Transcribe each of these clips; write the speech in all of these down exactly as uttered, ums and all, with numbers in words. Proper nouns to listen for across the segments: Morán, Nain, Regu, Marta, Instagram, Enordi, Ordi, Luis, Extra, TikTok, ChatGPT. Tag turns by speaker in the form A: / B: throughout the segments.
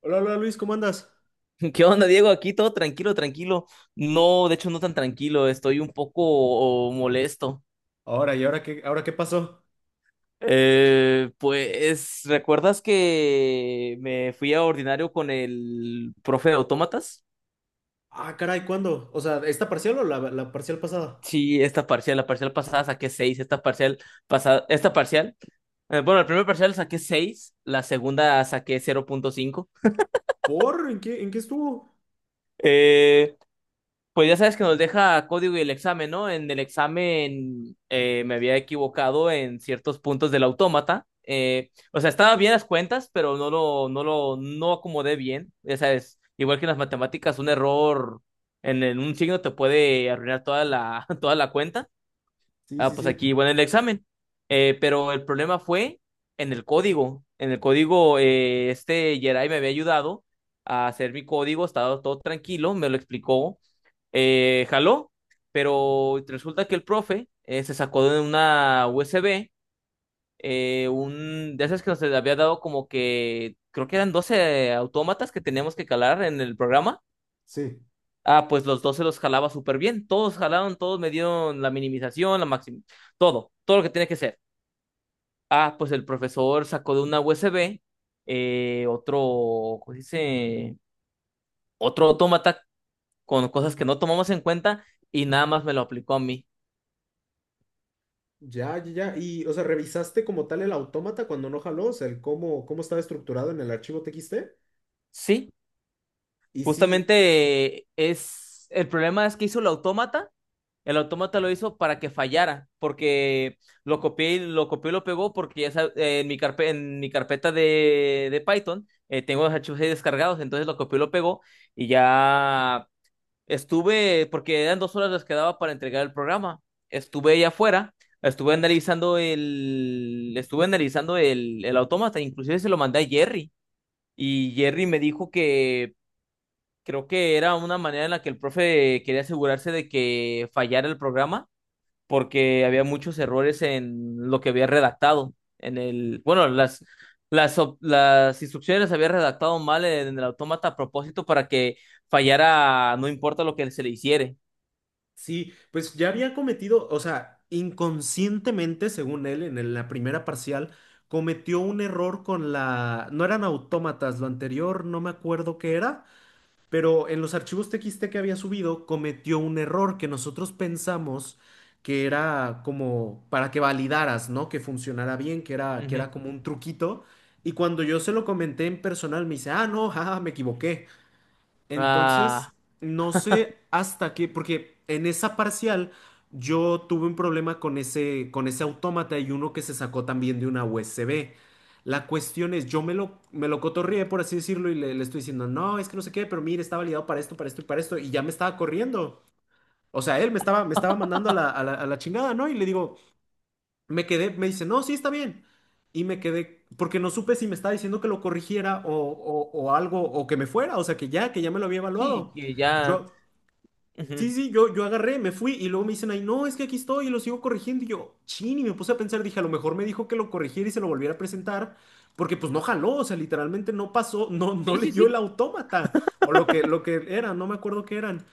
A: Hola, hola Luis, ¿cómo andas?
B: ¿Qué onda, Diego? Aquí todo tranquilo, tranquilo. No, de hecho, no tan tranquilo. Estoy un poco oh, molesto.
A: Ahora, ¿y ahora qué, ¿ahora qué pasó?
B: Eh, pues, ¿recuerdas que me fui a ordinario con el profe de autómatas?
A: Ah, caray, ¿cuándo? O sea, ¿esta parcial o la, la parcial pasada?
B: Sí, esta parcial, la parcial pasada saqué seis, esta parcial pasada, esta parcial, eh, bueno, el primer parcial saqué seis, la segunda saqué cero punto cinco.
A: ¿Por? ¿En qué, ¿en qué estuvo?
B: Pues ya sabes que nos deja código y el examen, ¿no? En el examen eh, me había equivocado en ciertos puntos del autómata. Eh, o sea, estaba bien las cuentas, pero no lo, no lo, no acomodé bien. Ya sabes, igual que en las matemáticas, un error en, en un signo te puede arruinar toda la, toda la cuenta.
A: Sí,
B: Ah,
A: sí,
B: pues
A: sí,
B: aquí, bueno, el examen. Eh, pero el problema fue en el código. En el código, eh, este Jedi me había ayudado a hacer mi código, estaba todo tranquilo, me lo explicó. Eh, jaló, pero resulta que el profe eh, se sacó de una U S B, eh, un de esas que nos había dado como que, creo que eran doce autómatas que teníamos que calar en el programa.
A: sí.
B: Ah, pues los dos se los jalaba súper bien. Todos jalaron, todos me dieron la minimización, la máxima, todo, todo lo que tiene que ser. Ah, pues el profesor sacó de una U S B eh, otro, ¿cómo se dice? Otro autómata con cosas que no tomamos en cuenta y nada más me lo aplicó a mí.
A: Ya, ya, ya. Y, o sea, ¿revisaste como tal el autómata cuando no jaló? O sea, el cómo, ¿cómo estaba estructurado en el archivo T X?
B: Sí,
A: Y sí,
B: justamente eh, es, el problema es que hizo el autómata. El autómata lo hizo para que fallara, porque lo copié y lo copió y lo pegó, porque ya sab- eh, en mi carpe- en mi carpeta de, de Python, eh, tengo los archivos ahí descargados, entonces lo copió y lo pegó y ya estuve, porque eran dos horas las que daba para entregar el programa. Estuve ahí afuera, estuve analizando el, estuve analizando el, el autómata, inclusive se lo mandé a Jerry y Jerry me dijo que creo que era una manera en la que el profe quería asegurarse de que fallara el programa porque había muchos errores en lo que había redactado. En el, bueno, las, las, op- las instrucciones las había redactado mal en el autómata a propósito para que fallara, no importa lo que se le hiciere.
A: sí, pues ya había cometido, o sea, inconscientemente, según él, en el- la primera parcial, cometió un error con la… No eran autómatas, lo anterior no me acuerdo qué era. Pero en los archivos TXT que había subido cometió un error que nosotros pensamos que era como para que validaras, ¿no? Que funcionara bien, que era, que era
B: Ujú.
A: como un truquito. Y cuando yo se lo comenté en personal, me dice, ah, no, jaja, me equivoqué.
B: Ah,
A: Entonces, no sé hasta qué, porque en esa parcial yo tuve un problema con ese, con ese autómata y uno que se sacó también de una U S B. La cuestión es, yo me lo, me lo cotorrié, por así decirlo, y le, le estoy diciendo, no, es que no sé qué, pero mire, está validado para esto, para esto y para esto, y ya me estaba corriendo. O sea, él me estaba, me estaba mandando a la, a la, a la chingada, ¿no? Y le digo, me quedé, me dice, no, sí está bien. Y me quedé, porque no supe si me estaba diciendo que lo corrigiera o, o- o algo, o que me fuera, o sea, que ya, que ya me lo había
B: sí,
A: evaluado.
B: que ya.
A: Yo, sí,
B: Ujú.
A: sí, yo, yo agarré, me fui y luego me dicen, ay, no, es que aquí estoy y lo sigo corrigiendo. Y yo, chin, y me puse a pensar, dije, a lo mejor me dijo que lo corrigiera y se lo volviera a presentar, porque pues no jaló, o sea, literalmente no pasó, no, no
B: Sí, sí,
A: leyó el
B: sí.
A: autómata o lo que, lo que era, no me acuerdo qué eran.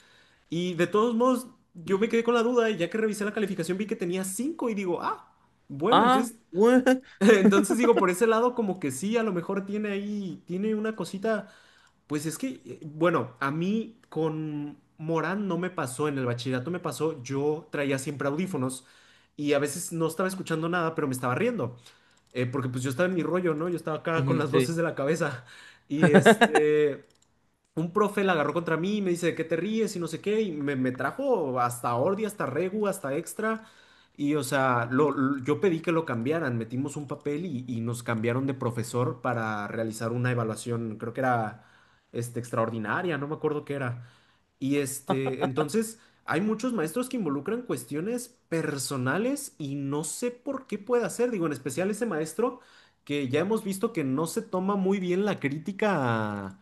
A: Y de todos modos, yo me quedé con la duda y ya que revisé la calificación vi que tenía cinco y digo, ah. Bueno,
B: Ah,
A: entonces…
B: bueno.
A: Entonces digo, por ese lado como que sí, a lo mejor tiene ahí, tiene una cosita, pues es que, eh, bueno, a mí con Morán no me pasó, en el bachillerato me pasó, yo traía siempre audífonos y a veces no estaba escuchando nada, pero me estaba riendo, eh, porque pues yo estaba en mi rollo, ¿no? Yo estaba acá con
B: Ujú,
A: las
B: sí.
A: voces de la cabeza y este, un profe la agarró contra mí y me dice, ¿de qué te ríes? Y no sé qué, y me, me trajo hasta Ordi, hasta Regu, hasta Extra. Y o sea, lo, lo- yo pedí que lo cambiaran, metimos un papel y, y nos cambiaron de profesor para realizar una evaluación, creo que era este, extraordinaria, no me acuerdo qué era. Y este, entonces hay muchos maestros que involucran cuestiones personales y no sé por qué puede hacer, digo, en especial ese maestro que ya hemos visto que no se toma muy bien la crítica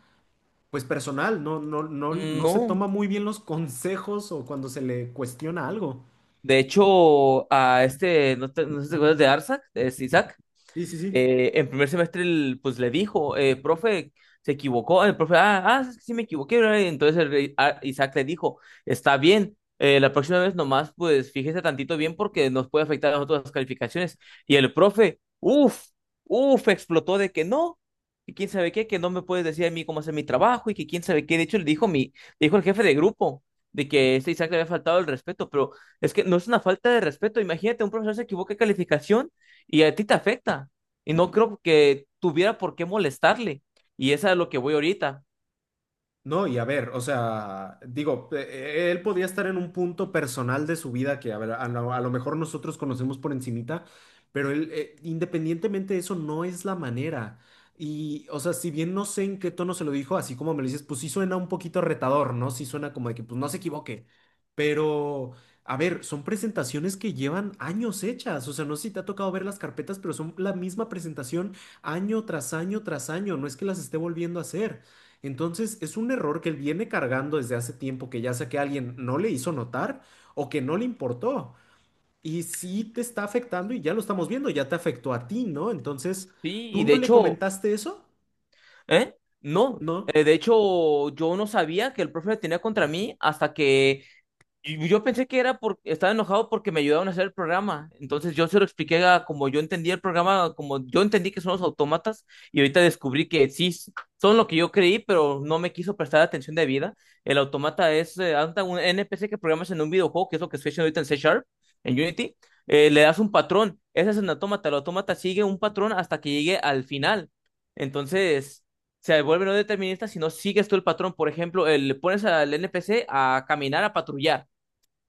A: pues personal, no, no, no, no se
B: No.
A: toma muy bien los consejos o cuando se le cuestiona algo.
B: De hecho, a este, ¿no, te- no sé si te acuerdas de Arsak. ¿Es Isaac?
A: Sí, sí, sí.
B: Eh, en primer semestre el, pues le dijo, eh, profe, se equivocó. El profe, ah, ah, sí me equivoqué, ¿verdad? Y entonces el rey- a- Isaac le dijo, está bien, eh, la próxima vez nomás, pues fíjese tantito bien porque nos puede afectar a nosotros las calificaciones. Y el profe, uff, uff, explotó de que no. Y quién sabe qué, que no me puedes decir a mí cómo hacer mi trabajo y que quién sabe qué. De hecho, le dijo mi, le dijo el jefe de grupo de que este Isaac le había faltado el respeto, pero es que no es una falta de respeto. Imagínate, un profesor se equivoca de calificación y a ti te afecta. Y no creo que tuviera por qué molestarle. Y esa es lo que voy ahorita.
A: No, y a ver, o sea, digo, eh, él podía estar en un punto personal de su vida que, a ver, a lo, a lo mejor nosotros conocemos por encimita, pero él, eh, independientemente de eso, no es la manera. Y, o sea, si bien no sé en qué tono se lo dijo, así como me lo dices, pues sí suena un poquito retador, ¿no? Sí suena como de que, pues no se equivoque. Pero, a ver, son presentaciones que llevan años hechas. O sea, no sé si te ha tocado ver las carpetas, pero son la misma presentación año tras año tras año. No es que las esté volviendo a hacer. Entonces, es un error que él viene cargando desde hace tiempo que ya sea que alguien no le hizo notar o que no le importó. Y sí te está afectando y ya lo estamos viendo, ya te afectó a ti, ¿no? Entonces,
B: Sí,
A: ¿tú
B: y de
A: no le
B: hecho.
A: comentaste eso?
B: ¿Eh? No.
A: No.
B: Eh, de hecho, yo no sabía que el profe tenía contra mí hasta que. Y yo pensé que era porque estaba enojado porque me ayudaron a hacer el programa. Entonces yo se lo expliqué a como yo entendía el programa, como yo entendí que son los autómatas, y ahorita descubrí que sí s- son lo que yo creí, pero no me quiso prestar atención de vida. El automata es eh, anda un N P C que programas en un videojuego, que es lo que estoy haciendo ahorita en C Sharp, en Unity. Eh, le das un patrón. Ese es un autómata. El autómata sigue un patrón hasta que llegue al final. Entonces se vuelve no determinista si no sigues tú el patrón. Por ejemplo, eh, le pones al N P C a caminar, a patrullar.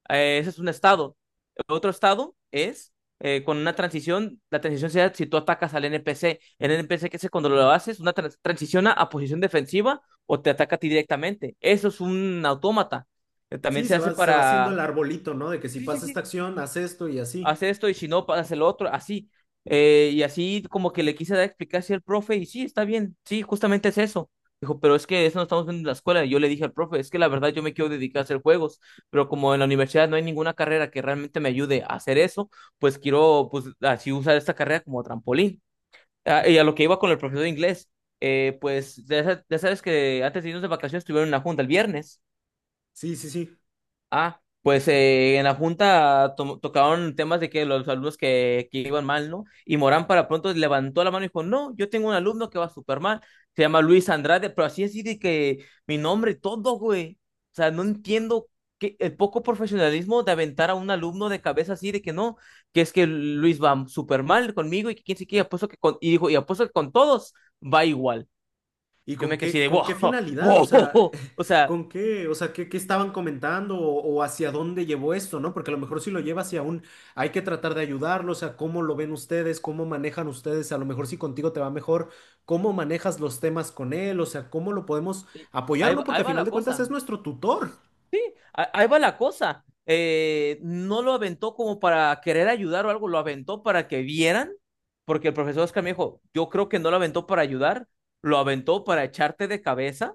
B: Eh, ese es un estado. El otro estado es eh, con una transición. La transición se da si tú atacas al N P C. El N P C, que es cuando lo haces, una trans- transiciona a posición defensiva o te ataca a ti directamente. Eso es un autómata. Eh, También
A: Sí,
B: se
A: se
B: hace
A: va, se va haciendo el
B: para.
A: arbolito, ¿no? De que si
B: Sí, sí,
A: pasa esta
B: sí,
A: acción, haz esto y así.
B: haz esto y si no, haz el otro, así. Eh, y así como que le quise dar explicación al profe y sí, está bien, sí, justamente es eso. Dijo, pero es que eso no estamos viendo en la escuela. Y yo le dije al profe, es que la verdad yo me quiero dedicar a hacer juegos, pero como en la universidad no hay ninguna carrera que realmente me ayude a hacer eso, pues quiero pues así usar esta carrera como trampolín. Ah, y a lo que iba con el profesor de inglés, eh, pues ya sa- ya sabes que antes de irnos de vacaciones tuvieron una junta el viernes.
A: Sí, sí, sí.
B: Ah, pues eh, en la junta to- tocaron temas de que los alumnos que, que iban mal, ¿no? Y Morán para pronto levantó la mano y dijo, no, yo tengo un alumno que va súper mal, se llama Luis Andrade, pero así así de que mi nombre, y todo, güey. O sea, no entiendo que, el poco profesionalismo de aventar a un alumno de cabeza así de que no, que es que Luis va súper mal conmigo y que quién sé qué, y apuesto que con, y dijo, y apuesto que con todos va igual.
A: ¿Y
B: Yo
A: con
B: me quedé así
A: qué,
B: de,
A: ¿con
B: wow,
A: qué finalidad? O sea,
B: wow, o sea,
A: ¿con qué? O sea, ¿qué, ¿qué estaban comentando o, o hacia dónde llevó esto, ¿no? Porque a lo mejor si lo lleva hacia un, hay que tratar de ayudarlo, o sea, ¿cómo lo ven ustedes? ¿Cómo manejan ustedes? A lo mejor si contigo te va mejor, ¿cómo manejas los temas con él? O sea, ¿cómo lo podemos apoyar,
B: ahí,
A: ¿no?
B: va-
A: Porque
B: ahí
A: a
B: va
A: final
B: la
A: de cuentas es
B: cosa.
A: nuestro tutor.
B: Sí, a- ahí va la cosa. Eh, no lo aventó como para querer ayudar o algo, lo aventó para que vieran, porque el profesor Oscar me dijo, yo creo que no lo aventó para ayudar, lo aventó para echarte de cabeza,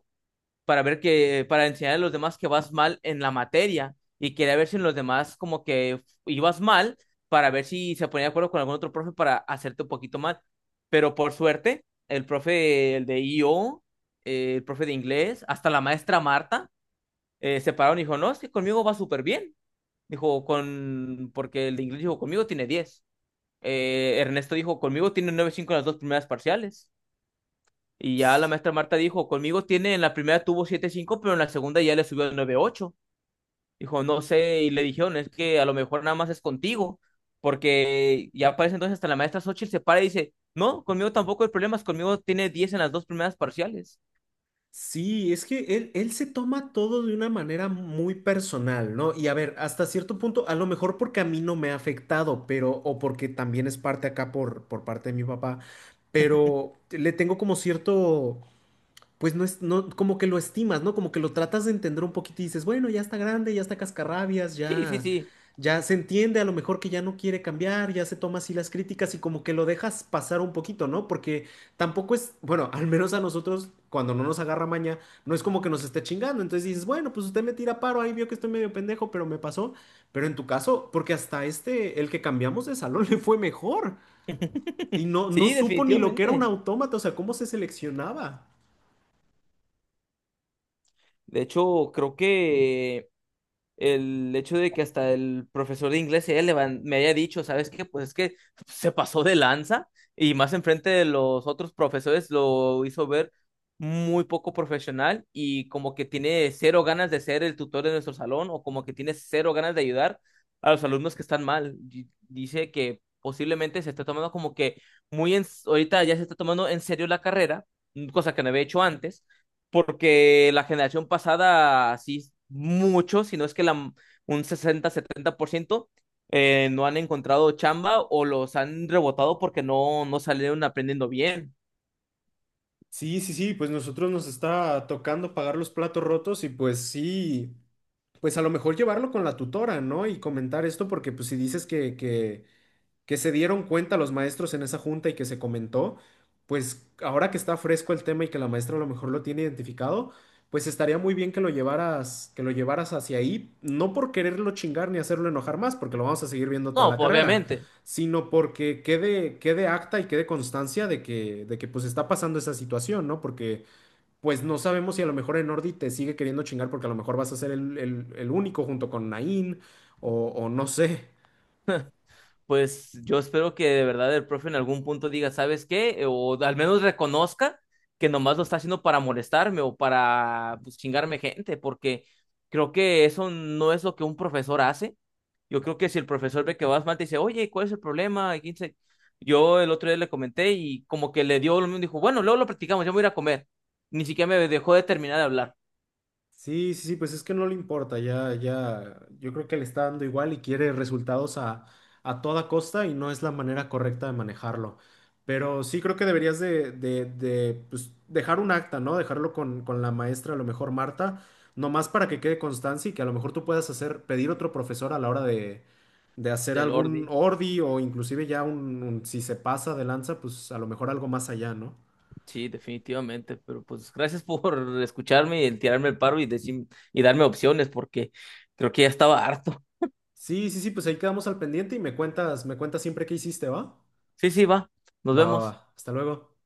B: para ver que, para enseñar a los demás que vas mal en la materia y quería ver si en los demás como que ibas mal, para ver si se ponía de acuerdo con algún otro profe para hacerte un poquito mal. Pero por suerte, el profe, el de I O, eh, el profe de inglés, hasta la maestra Marta eh, se pararon y dijo, no, es que conmigo va súper bien. Dijo, con, porque el de inglés dijo, conmigo tiene diez. Eh, Ernesto dijo, conmigo tiene nueve cinco en las dos primeras parciales. Y ya la maestra Marta dijo, conmigo tiene, en la primera tuvo siete cinco pero en la segunda ya le subió a nueve ocho. Dijo, no sé, y le dijeron, es que a lo mejor nada más es contigo, porque ya parece entonces hasta la maestra Xochitl se para y dice, no, conmigo tampoco hay problemas, conmigo tiene diez en las dos primeras parciales.
A: Sí, es que él, él se toma todo de una manera muy personal, ¿no? Y a ver, hasta cierto punto, a lo mejor porque a mí no me ha afectado, pero, o porque también es parte acá por, por parte de mi papá, pero le tengo como cierto pues no es, no, como que lo estimas, ¿no? Como que lo tratas de entender un poquito y dices, bueno, ya está grande, ya está cascarrabias,
B: Sí, sí,
A: ya,
B: sí.
A: ya se entiende a lo mejor que ya no quiere cambiar, ya se toma así las críticas y como que lo dejas pasar un poquito, ¿no? Porque tampoco es, bueno, al menos a nosotros, cuando no nos agarra maña, no es como que nos esté chingando, entonces dices, bueno, pues usted me tira paro, ahí vio que estoy medio pendejo, pero me pasó, pero en tu caso, porque hasta este, el que cambiamos de salón le fue mejor. Y no, no
B: Sí,
A: supo ni lo que era un
B: definitivamente.
A: autómata, o sea, cómo se seleccionaba.
B: De hecho, creo que el hecho de que hasta el profesor de inglés ella me haya dicho, ¿sabes qué? Pues es que se pasó de lanza y más enfrente de los otros profesores lo hizo ver muy poco profesional y como que tiene cero ganas de ser el tutor de nuestro salón o como que tiene cero ganas de ayudar a los alumnos que están mal. Di- Dice que posiblemente se está tomando como que muy en, ahorita ya se está tomando en serio la carrera, cosa que no había hecho antes porque la generación pasada, sí, mucho, si no es que la, un sesenta-setenta por ciento, eh, no han encontrado chamba o los han rebotado porque no, no salieron aprendiendo bien.
A: Sí, sí, sí, pues nosotros nos está tocando pagar los platos rotos y pues sí, pues a lo mejor llevarlo con la tutora, ¿no? Y comentar esto porque pues si dices que, que, que se dieron cuenta los maestros en esa junta y que se comentó, pues ahora que está fresco el tema y que la maestra a lo mejor lo tiene identificado, pues estaría muy bien que lo llevaras, que lo llevaras hacia ahí, no por quererlo chingar ni hacerlo enojar más, porque lo vamos a seguir viendo toda
B: No,
A: la
B: pues
A: carrera,
B: obviamente.
A: sino porque quede, quede acta y quede constancia de que, de que pues está pasando esa situación, ¿no? Porque pues no sabemos si a lo mejor Enordi te sigue queriendo chingar porque a lo mejor vas a ser el, el- el único junto con Nain o o no sé.
B: Pues yo espero que de verdad el profe en algún punto diga, ¿sabes qué? O al menos reconozca que nomás lo está haciendo para molestarme o para pues, chingarme gente, porque creo que eso no es lo que un profesor hace. Yo creo que si el profesor ve que vas mal, te dice, oye, ¿cuál es el problema? Y quién se- Yo el otro día le comenté y como que le dio, lo mismo, dijo, bueno, luego lo practicamos, yo me voy a ir a comer. Ni siquiera me dejó de terminar de hablar
A: Sí, sí, sí, pues es que no le importa, ya, ya, yo creo que le está dando igual y quiere resultados a, a toda costa y no es la manera correcta de manejarlo. Pero sí creo que deberías de, de, de, pues, dejar un acta, ¿no? Dejarlo con, con la maestra, a lo mejor Marta, nomás para que quede constancia y que a lo mejor tú puedas hacer, pedir otro profesor a la hora de, de hacer
B: del
A: algún
B: Ordi.
A: ordi o inclusive ya un, un- si se pasa de lanza, pues a lo mejor algo más allá, ¿no?
B: Sí, definitivamente, pero pues gracias por escucharme y tirarme el paro y decir y darme opciones porque creo que ya estaba harto.
A: Sí, sí, sí, pues ahí quedamos al pendiente y me cuentas, me cuentas siempre qué hiciste, ¿va?
B: Sí, sí, va. Nos
A: Va, va,
B: vemos.
A: va. Hasta luego.